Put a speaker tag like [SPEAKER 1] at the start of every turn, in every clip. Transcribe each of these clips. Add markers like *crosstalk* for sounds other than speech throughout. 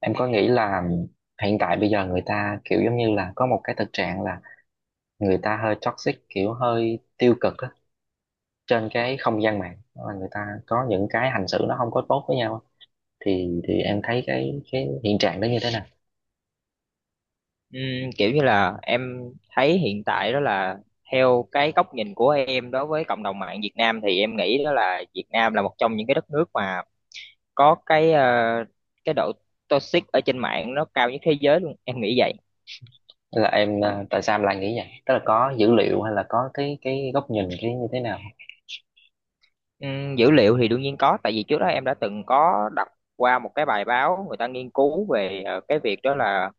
[SPEAKER 1] Em có nghĩ là hiện tại bây giờ người ta kiểu giống như là có một cái thực trạng là người ta hơi toxic kiểu hơi tiêu cực á, trên cái không gian mạng. Đó là người ta có những cái hành xử nó không có tốt với nhau á. Thì em thấy cái hiện trạng đó như thế nào?
[SPEAKER 2] Kiểu như là em thấy hiện tại đó là theo cái góc nhìn của em đối với cộng đồng mạng Việt Nam thì em nghĩ đó là Việt Nam là một trong những cái đất nước mà có cái độ toxic ở trên mạng nó cao nhất thế giới luôn, em nghĩ vậy.
[SPEAKER 1] Hay là tại sao em lại nghĩ vậy? Tức là có dữ liệu hay là có cái góc nhìn cái như thế nào?
[SPEAKER 2] Dữ liệu thì đương nhiên có, tại vì trước đó em đã từng có đọc qua một cái bài báo người ta nghiên cứu về cái việc đó là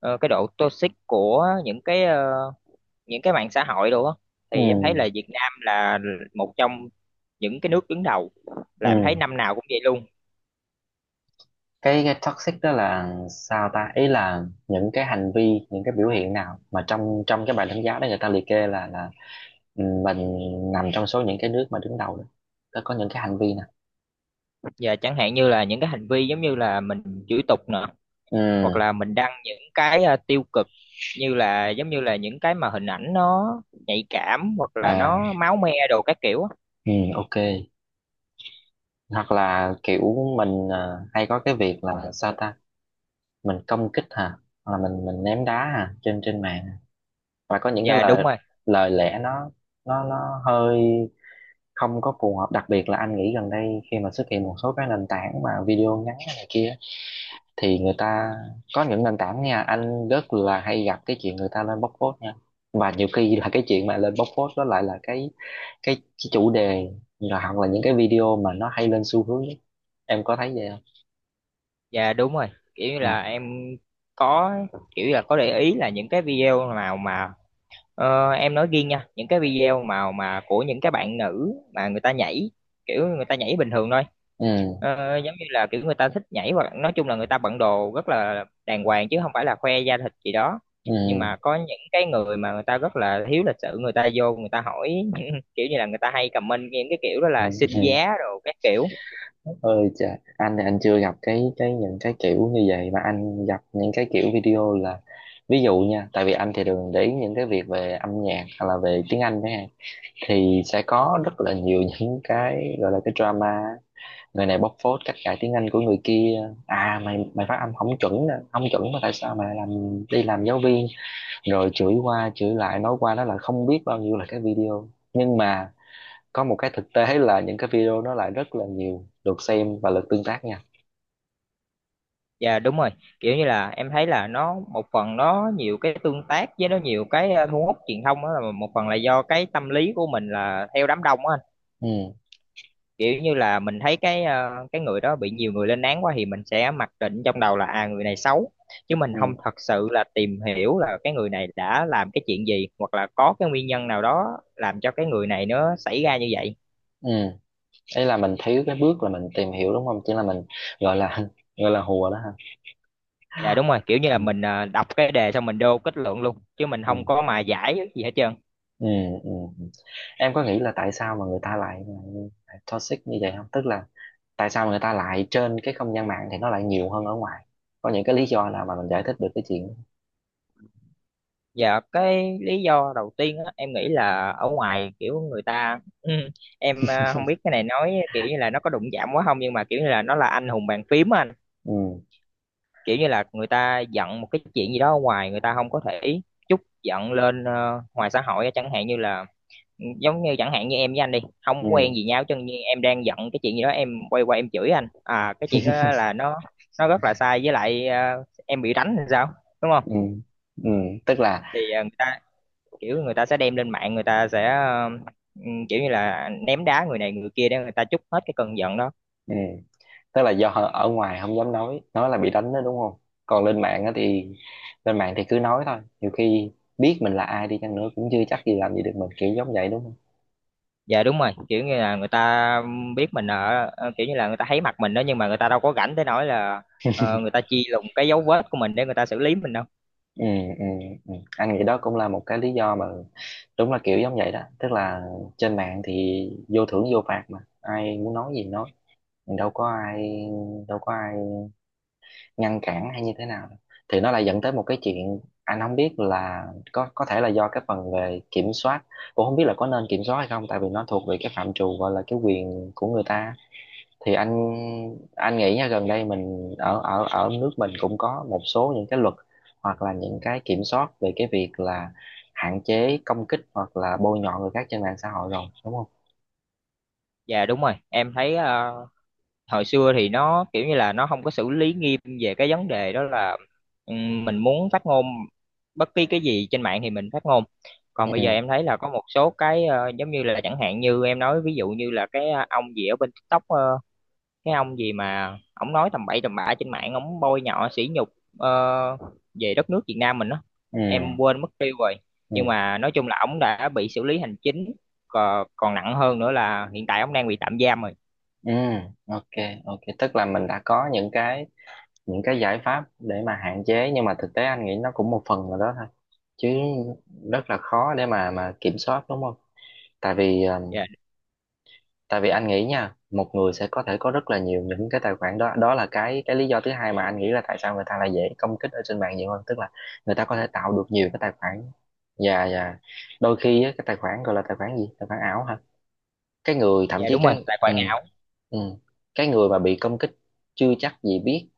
[SPEAKER 2] cái độ toxic của những cái mạng xã hội đồ á, thì em thấy
[SPEAKER 1] ừ
[SPEAKER 2] là Việt Nam là một trong những cái nước đứng đầu,
[SPEAKER 1] ừ
[SPEAKER 2] là em thấy năm nào cũng vậy luôn.
[SPEAKER 1] Cái toxic đó là sao ta, ý là những cái hành vi, những cái biểu hiện nào mà trong trong cái bài đánh giá đó người ta liệt kê là Ừ, mình nằm trong số những cái nước mà đứng đầu đó, nó có những cái hành vi nè.
[SPEAKER 2] Và chẳng hạn như là những cái hành vi giống như là mình chửi tục nè,
[SPEAKER 1] Ừ.
[SPEAKER 2] hoặc là mình đăng tiêu cực, như là giống như là những cái mà hình ảnh nó nhạy cảm, hoặc là nó
[SPEAKER 1] À,
[SPEAKER 2] máu me đồ các kiểu á.
[SPEAKER 1] ừ, ok. Hoặc là kiểu hay có cái việc là sao ta, mình công kích hả? Hoặc là mình ném đá hả, trên trên mạng. Và có những cái
[SPEAKER 2] Và đúng
[SPEAKER 1] lời
[SPEAKER 2] rồi.
[SPEAKER 1] lời lẽ nó nó hơi không có phù hợp. Đặc biệt là anh nghĩ gần đây khi mà xuất hiện một số cái nền tảng mà video ngắn hay này kia, thì người ta có những nền tảng nha, anh rất là hay gặp cái chuyện người ta lên bóc phốt nha. Và nhiều khi là cái chuyện mà lên bóc phốt đó lại là cái chủ đề, rồi hoặc là những cái video mà nó hay lên xu hướng nhất. Em có thấy vậy không?
[SPEAKER 2] Và đúng rồi, kiểu như
[SPEAKER 1] Ừ.
[SPEAKER 2] là em có, kiểu là có để ý là những cái video nào mà... Ờ, em nói riêng nha, những cái video mà của những cái bạn nữ mà người ta nhảy, kiểu người ta nhảy bình thường thôi.
[SPEAKER 1] Ừ.
[SPEAKER 2] Ờ, giống như là kiểu người ta thích nhảy, hoặc nói chung là người ta bận đồ rất là đàng hoàng chứ không phải là khoe da thịt gì đó, nhưng
[SPEAKER 1] Ừ,
[SPEAKER 2] mà có những cái người mà người ta rất là thiếu lịch sự, người ta vô người ta hỏi *laughs* kiểu như là người ta hay comment những cái kiểu đó
[SPEAKER 1] ừ.
[SPEAKER 2] là xin
[SPEAKER 1] Ừ.
[SPEAKER 2] giá đồ các kiểu.
[SPEAKER 1] Ơi trời, anh chưa gặp cái những cái kiểu như vậy, mà anh gặp những cái kiểu video là, ví dụ nha, tại vì anh thì thường để ý những cái việc về âm nhạc hay là về tiếng Anh đấy ha, thì sẽ có rất là nhiều *laughs* những cái gọi là cái drama. Người này bóc phốt cách cãi tiếng Anh của người kia. À, mày mày phát âm không chuẩn nè, không chuẩn mà tại sao mày làm đi làm giáo viên, rồi chửi qua chửi lại nói qua nó là không biết bao nhiêu là cái video. Nhưng mà có một cái thực tế là những cái video nó lại rất là nhiều lượt xem và lượt tương tác nha.
[SPEAKER 2] Dạ đúng rồi, kiểu như là em thấy là nó một phần nó nhiều cái tương tác với nó nhiều thu hút truyền thông, đó là một phần là do cái tâm lý của mình là theo đám đông á,
[SPEAKER 1] Ừ.
[SPEAKER 2] kiểu như là mình thấy cái người đó bị nhiều người lên án quá thì mình sẽ mặc định trong đầu là à, người này xấu, chứ mình không
[SPEAKER 1] Ừ.
[SPEAKER 2] thật sự là tìm hiểu là cái người này đã làm cái chuyện gì, hoặc là có cái nguyên nhân nào đó làm cho cái người này nó xảy ra như vậy.
[SPEAKER 1] Ừ, ấy là mình thiếu cái bước là mình tìm hiểu đúng không, chỉ là mình gọi là *laughs* gọi là hùa đó ha.
[SPEAKER 2] Dạ đúng rồi, kiểu như là
[SPEAKER 1] Ừ.
[SPEAKER 2] mình đọc cái đề xong mình đô kết luận luôn, chứ mình
[SPEAKER 1] Ừ.
[SPEAKER 2] không có mà giải gì hết trơn.
[SPEAKER 1] Ừ. Ừ. Ừ. Em có nghĩ là tại sao mà người ta lại, lại toxic như vậy không? Tức là tại sao mà người ta lại trên cái không gian mạng thì nó lại nhiều hơn ở ngoài? Có những cái lý do nào mà mình giải thích được cái chuyện đó?
[SPEAKER 2] Dạ cái lý do đầu tiên á, em nghĩ là ở ngoài kiểu người ta *clears throat* em không biết cái này nói kiểu như là nó có đụng chạm quá không, nhưng mà kiểu như là nó là anh hùng bàn phím á anh,
[SPEAKER 1] Ừ.
[SPEAKER 2] kiểu như là người ta giận một cái chuyện gì đó ở ngoài người ta không có thể trút giận lên ngoài xã hội á. Chẳng hạn như là giống như chẳng hạn như em với anh đi,
[SPEAKER 1] Ừ.
[SPEAKER 2] không quen gì nhau, chứ như em đang giận cái chuyện gì đó em quay qua em chửi anh, à cái chuyện đó là nó rất là sai, với lại em bị đánh thì sao, đúng
[SPEAKER 1] Ừ.
[SPEAKER 2] không?
[SPEAKER 1] Ừ, tức là
[SPEAKER 2] Thì người ta kiểu người ta sẽ đem lên mạng, người ta sẽ ừ, kiểu như là ném đá người này người kia để người ta trút hết cái cơn giận đó.
[SPEAKER 1] ừ, tức là do ở ngoài không dám nói là bị đánh đó đúng không? Còn lên mạng á thì, lên mạng thì cứ nói thôi, nhiều khi biết mình là ai đi chăng nữa cũng chưa chắc gì làm gì được mình, kiểu giống vậy đúng không?
[SPEAKER 2] Dạ đúng rồi, kiểu như là người ta biết mình ở kiểu như là người ta thấy mặt mình đó, nhưng mà người ta đâu có rảnh tới nỗi là người ta chi lùng cái dấu vết của mình để người ta xử lý mình đâu.
[SPEAKER 1] Ừ, ừ, ừ. Anh nghĩ đó cũng là một cái lý do mà đúng là kiểu giống vậy đó. Tức là trên mạng thì vô thưởng vô phạt mà ai muốn nói gì nói, đâu có ai đâu có ai ngăn cản hay như thế nào. Thì nó lại dẫn tới một cái chuyện anh không biết là có thể là do cái phần về kiểm soát, cũng không biết là có nên kiểm soát hay không, tại vì nó thuộc về cái phạm trù gọi là cái quyền của người ta. Thì anh nghĩ nha, gần đây mình ở ở ở nước mình cũng có một số những cái luật hoặc là những cái kiểm soát về cái việc là hạn chế công kích hoặc là bôi nhọ người khác trên mạng xã hội rồi đúng không?
[SPEAKER 2] Dạ đúng rồi, em thấy hồi xưa thì nó kiểu như là nó không có xử lý nghiêm về cái vấn đề đó, là mình muốn phát ngôn bất kỳ cái gì trên mạng thì mình phát ngôn. Còn bây giờ
[SPEAKER 1] Ừ.
[SPEAKER 2] em thấy là có một số giống như là, chẳng hạn như em nói ví dụ như là ông gì ở bên TikTok, cái ông gì mà ổng nói tầm bậy tầm bạ trên mạng, ổng bôi nhọ sỉ nhục ờ, về đất nước Việt Nam mình đó,
[SPEAKER 1] Ừ.
[SPEAKER 2] em quên mất tiêu rồi,
[SPEAKER 1] Ừ.
[SPEAKER 2] nhưng mà nói chung là ổng đã bị xử lý hành chính, còn nặng hơn nữa là hiện tại ổng đang bị tạm giam rồi.
[SPEAKER 1] Ừ, ok. Ok, tức là mình đã có những cái, những cái giải pháp để mà hạn chế, nhưng mà thực tế anh nghĩ nó cũng một phần nào đó thôi, chứ rất là khó để mà kiểm soát đúng không? Tại vì
[SPEAKER 2] Dạ.
[SPEAKER 1] tại vì anh nghĩ nha, một người sẽ có thể có rất là nhiều những cái tài khoản đó. Đó là cái lý do thứ hai mà anh nghĩ là tại sao người ta lại dễ công kích ở trên mạng nhiều hơn. Tức là người ta có thể tạo được nhiều cái tài khoản. Và đôi khi á, cái tài khoản gọi là tài khoản gì, tài khoản ảo hả? Cái người
[SPEAKER 2] Dạ
[SPEAKER 1] thậm chí
[SPEAKER 2] đúng rồi,
[SPEAKER 1] cái
[SPEAKER 2] tài khoản ảo.
[SPEAKER 1] ừ, cái người mà bị công kích chưa chắc gì biết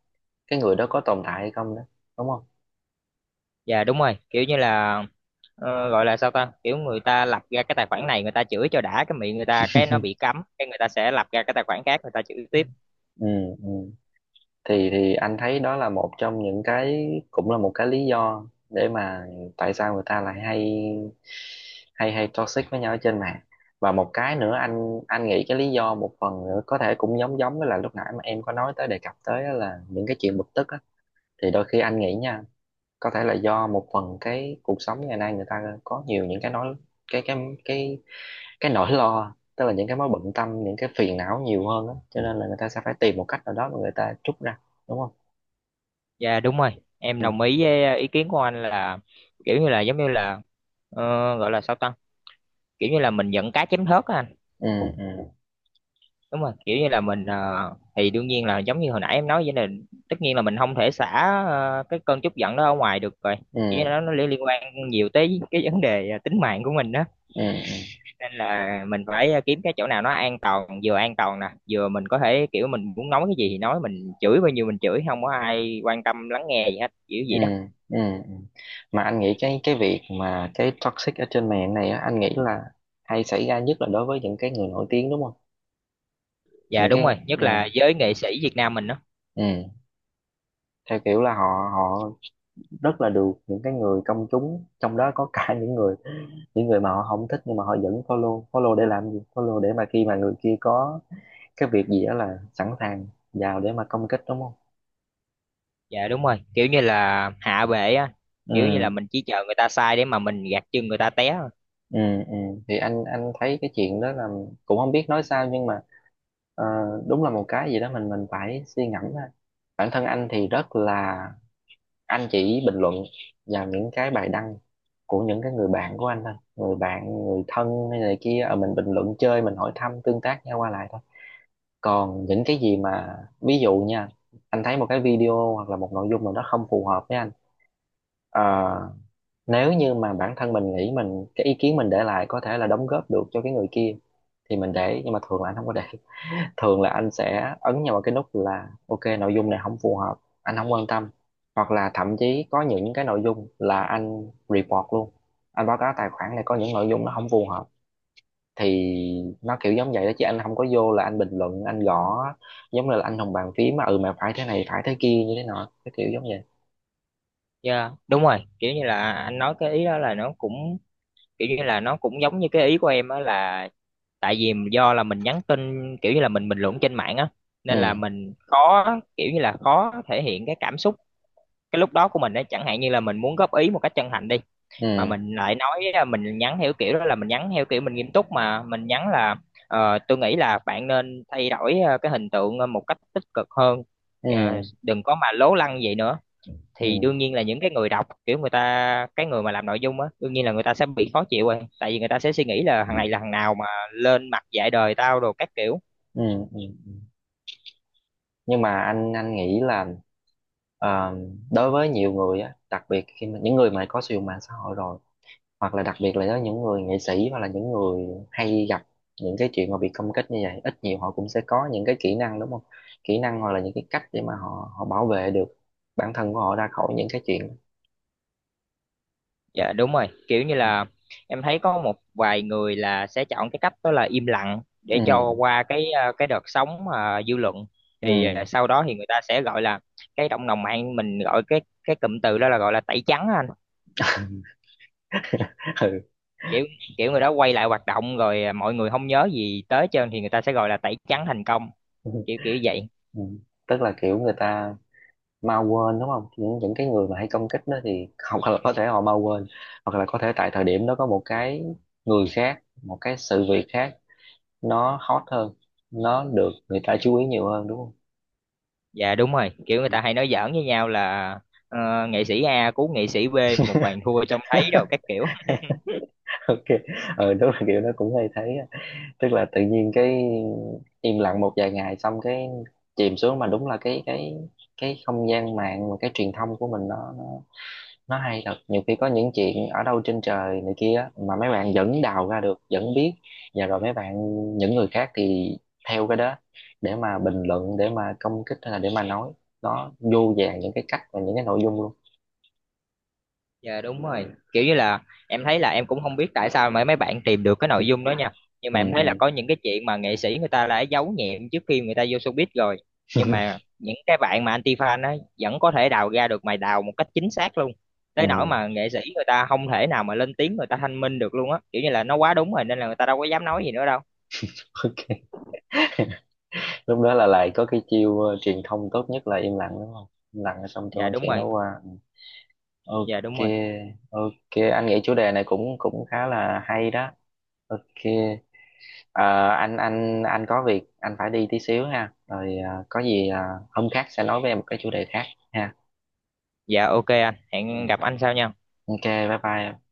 [SPEAKER 1] cái người đó có tồn tại hay không đó, đúng không?
[SPEAKER 2] Dạ đúng rồi, kiểu như là gọi là sao ta, kiểu người ta lập ra cái tài khoản này người ta chửi cho đã cái miệng, người ta cái nó bị cấm cái người ta sẽ lập ra cái tài khoản khác người ta chửi tiếp.
[SPEAKER 1] Ừ, ừ. Thì anh thấy đó là một trong những cái, cũng là một cái lý do để mà tại sao người ta lại hay hay hay toxic với nhau ở trên mạng. Và một cái nữa, anh nghĩ cái lý do một phần nữa có thể cũng giống giống với là lúc nãy mà em có nói tới, đề cập tới á, là những cái chuyện bực tức á. Thì đôi khi anh nghĩ nha, có thể là do một phần cái cuộc sống ngày nay người ta có nhiều những cái nói cái cái cái cái nỗi lo, tức là những cái mối bận tâm, những cái phiền não nhiều hơn á, cho nên là người ta sẽ phải tìm một cách nào đó mà người ta trút ra, đúng không?
[SPEAKER 2] Dạ đúng rồi, em
[SPEAKER 1] Ừ.
[SPEAKER 2] đồng ý với ý kiến của anh là kiểu như là giống như là ờ, gọi là sao ta? Kiểu như là mình giận cá chém thớt á anh.
[SPEAKER 1] Ừ. Ừ.
[SPEAKER 2] Đúng rồi, kiểu như là mình thì đương nhiên là giống như hồi nãy em nói vậy, là tất nhiên là mình không thể xả cái cơn tức giận đó ở ngoài được rồi. Kiểu như là
[SPEAKER 1] Ừ.
[SPEAKER 2] nó liên liên quan nhiều tới cái vấn đề tính mạng của mình đó.
[SPEAKER 1] Ừ.
[SPEAKER 2] Nên là mình phải kiếm cái chỗ nào nó an toàn, vừa an toàn nè, vừa mình có thể kiểu mình muốn nói cái gì thì nói, mình chửi bao nhiêu mình chửi, không có ai quan tâm lắng nghe gì hết, kiểu
[SPEAKER 1] Ừ.
[SPEAKER 2] vậy đó.
[SPEAKER 1] Ừ. Ừ. Mà anh nghĩ cái việc mà cái toxic ở trên mạng này á, anh nghĩ là hay xảy ra nhất là đối với những cái người nổi tiếng, đúng không?
[SPEAKER 2] Dạ
[SPEAKER 1] Những
[SPEAKER 2] đúng
[SPEAKER 1] cái
[SPEAKER 2] rồi, nhất
[SPEAKER 1] ừ,
[SPEAKER 2] là giới nghệ sĩ Việt Nam mình đó.
[SPEAKER 1] ừ, theo kiểu là họ họ rất là được những cái người công chúng, trong đó có cả những người, những người mà họ không thích, nhưng mà họ vẫn follow. Follow để làm gì? Follow để mà khi mà người kia có cái việc gì đó là sẵn sàng vào để mà công kích, đúng không?
[SPEAKER 2] Dạ đúng rồi, kiểu như là hạ bệ á, kiểu như là
[SPEAKER 1] Ừ.
[SPEAKER 2] mình chỉ chờ người ta sai để mà mình gạt chân người ta té thôi.
[SPEAKER 1] Ừ. Ừ, thì anh thấy cái chuyện đó là cũng không biết nói sao, nhưng mà ờ, đúng là một cái gì đó mình phải suy ngẫm ha. Bản thân anh thì rất là, anh chỉ bình luận vào những cái bài đăng của những cái người bạn của anh thôi, người bạn, người thân hay này kia, mình bình luận chơi, mình hỏi thăm tương tác nhau qua lại thôi. Còn những cái gì mà, ví dụ nha, anh thấy một cái video hoặc là một nội dung nào đó không phù hợp với anh, ờ, nếu như mà bản thân mình nghĩ mình cái ý kiến mình để lại có thể là đóng góp được cho cái người kia thì mình để. Nhưng mà thường là anh không có để, thường là anh sẽ ấn nhau vào cái nút là ok, nội dung này không phù hợp, anh không quan tâm. Hoặc là thậm chí có những cái nội dung là anh report luôn, anh báo cáo tài khoản này có những nội dung nó không phù hợp. Thì nó kiểu giống vậy đó, chứ anh không có vô là anh bình luận, anh gõ giống như là anh hùng bàn phím mà ừ mà phải thế này, phải thế kia như thế nọ cái kiểu giống vậy.
[SPEAKER 2] Dạ đúng rồi, kiểu như là anh nói cái ý đó là nó cũng kiểu như là nó cũng giống như cái ý của em á, là tại vì do là mình nhắn tin, kiểu như là mình bình luận trên mạng á, nên là
[SPEAKER 1] Ừ.
[SPEAKER 2] mình khó kiểu như là khó thể hiện cái cảm xúc cái lúc đó của mình á. Chẳng hạn như là mình muốn góp ý một cách chân thành đi, mà
[SPEAKER 1] Ừ.
[SPEAKER 2] mình lại nói à, mình nhắn theo kiểu đó là mình nhắn theo kiểu mình nghiêm túc, mà mình nhắn là tôi nghĩ là bạn nên thay đổi à, cái hình tượng à, một cách tích cực hơn. Ờ,
[SPEAKER 1] Ừ.
[SPEAKER 2] đừng có mà lố lăng vậy nữa. Thì
[SPEAKER 1] Ừ.
[SPEAKER 2] đương nhiên là những cái người đọc kiểu người ta cái người mà làm nội dung á, đương nhiên là người ta sẽ bị khó chịu rồi, tại vì người ta sẽ suy nghĩ là thằng
[SPEAKER 1] Ừ.
[SPEAKER 2] này là thằng nào mà lên mặt dạy đời tao đồ các kiểu.
[SPEAKER 1] Ừ. Ừ. Nhưng mà anh nghĩ là ờ, đối với nhiều người á, đặc biệt khi mà những người mà có sử dụng mạng xã hội rồi, hoặc là đặc biệt là với những người nghệ sĩ hoặc là những người hay gặp những cái chuyện mà bị công kích như vậy, ít nhiều họ cũng sẽ có những cái kỹ năng đúng không? Kỹ năng hoặc là những cái cách để mà họ họ bảo vệ được bản thân của họ ra khỏi những cái chuyện.
[SPEAKER 2] Dạ đúng rồi, kiểu như là em thấy có một vài người là sẽ chọn cái cách đó là im lặng để
[SPEAKER 1] Ừ.
[SPEAKER 2] cho qua cái à, cái đợt sóng mà dư luận,
[SPEAKER 1] Ừ.
[SPEAKER 2] thì à, sau đó thì người ta sẽ gọi là cái cộng đồng mạng mình gọi cái cụm từ đó là gọi là tẩy trắng á anh.
[SPEAKER 1] *laughs* Ừ,
[SPEAKER 2] Kiểu kiểu người đó quay lại hoạt động rồi à, mọi người không nhớ gì tới hết trơn thì người ta sẽ gọi là tẩy trắng thành công,
[SPEAKER 1] ừ.
[SPEAKER 2] kiểu kiểu vậy.
[SPEAKER 1] Ừ. Tức là kiểu người ta mau quên đúng không, những cái người mà hay công kích đó thì, hoặc là có thể họ mau quên, hoặc là có thể tại thời điểm đó có một cái người khác, một cái sự việc khác nó hot hơn, nó được người ta chú ý nhiều hơn, đúng không?
[SPEAKER 2] Dạ đúng rồi, kiểu người ta hay nói giỡn với nhau là ờ, nghệ sĩ A cứu nghệ sĩ B một bàn thua trông thấy rồi các
[SPEAKER 1] *laughs*
[SPEAKER 2] kiểu.
[SPEAKER 1] Ok. Ừ, đúng là kiểu nó cũng hay thấy á. Tức là tự nhiên cái im lặng một vài ngày xong cái chìm xuống. Mà đúng là cái cái không gian mạng và cái truyền thông của mình nó nó hay thật, nhiều khi có những chuyện ở đâu trên trời này kia á, mà mấy bạn vẫn đào ra được, vẫn biết. Và rồi mấy bạn, những người khác thì theo cái đó để mà bình luận, để mà công kích, hay là để mà nói. Nó vô vàn những cái cách và những cái nội dung luôn.
[SPEAKER 2] Dạ đúng rồi. Kiểu như là em thấy là em cũng không biết tại sao mà mấy bạn tìm được cái nội dung đó nha. Nhưng
[SPEAKER 1] Ừ.
[SPEAKER 2] mà em
[SPEAKER 1] Ừ.
[SPEAKER 2] thấy là có những cái chuyện mà nghệ sĩ người ta đã giấu nhẹm trước khi người ta vô showbiz rồi. Nhưng
[SPEAKER 1] *laughs*
[SPEAKER 2] mà những cái bạn mà anti-fan á vẫn có thể đào ra được, mày đào một cách chính xác luôn.
[SPEAKER 1] Ừ,
[SPEAKER 2] Tới nỗi mà nghệ sĩ người ta không thể nào mà lên tiếng người ta thanh minh được luôn á. Kiểu như là nó quá đúng rồi nên là người ta đâu có dám nói gì nữa đâu.
[SPEAKER 1] ok. Lúc đó là lại có cái chiêu truyền thông tốt nhất là im lặng đúng không? Im lặng xong
[SPEAKER 2] Dạ
[SPEAKER 1] cho
[SPEAKER 2] đúng
[SPEAKER 1] chuyện đó
[SPEAKER 2] rồi.
[SPEAKER 1] qua.
[SPEAKER 2] Dạ
[SPEAKER 1] Ok.
[SPEAKER 2] đúng rồi.
[SPEAKER 1] Ok, anh nghĩ chủ đề này cũng cũng khá là hay đó. Ok. Ờ, anh có việc anh phải đi tí xíu ha, rồi có gì hôm khác sẽ nói với em một cái chủ đề khác ha.
[SPEAKER 2] Dạ ok anh,
[SPEAKER 1] Ừ.
[SPEAKER 2] hẹn gặp anh sau nha.
[SPEAKER 1] Ok, bye bye.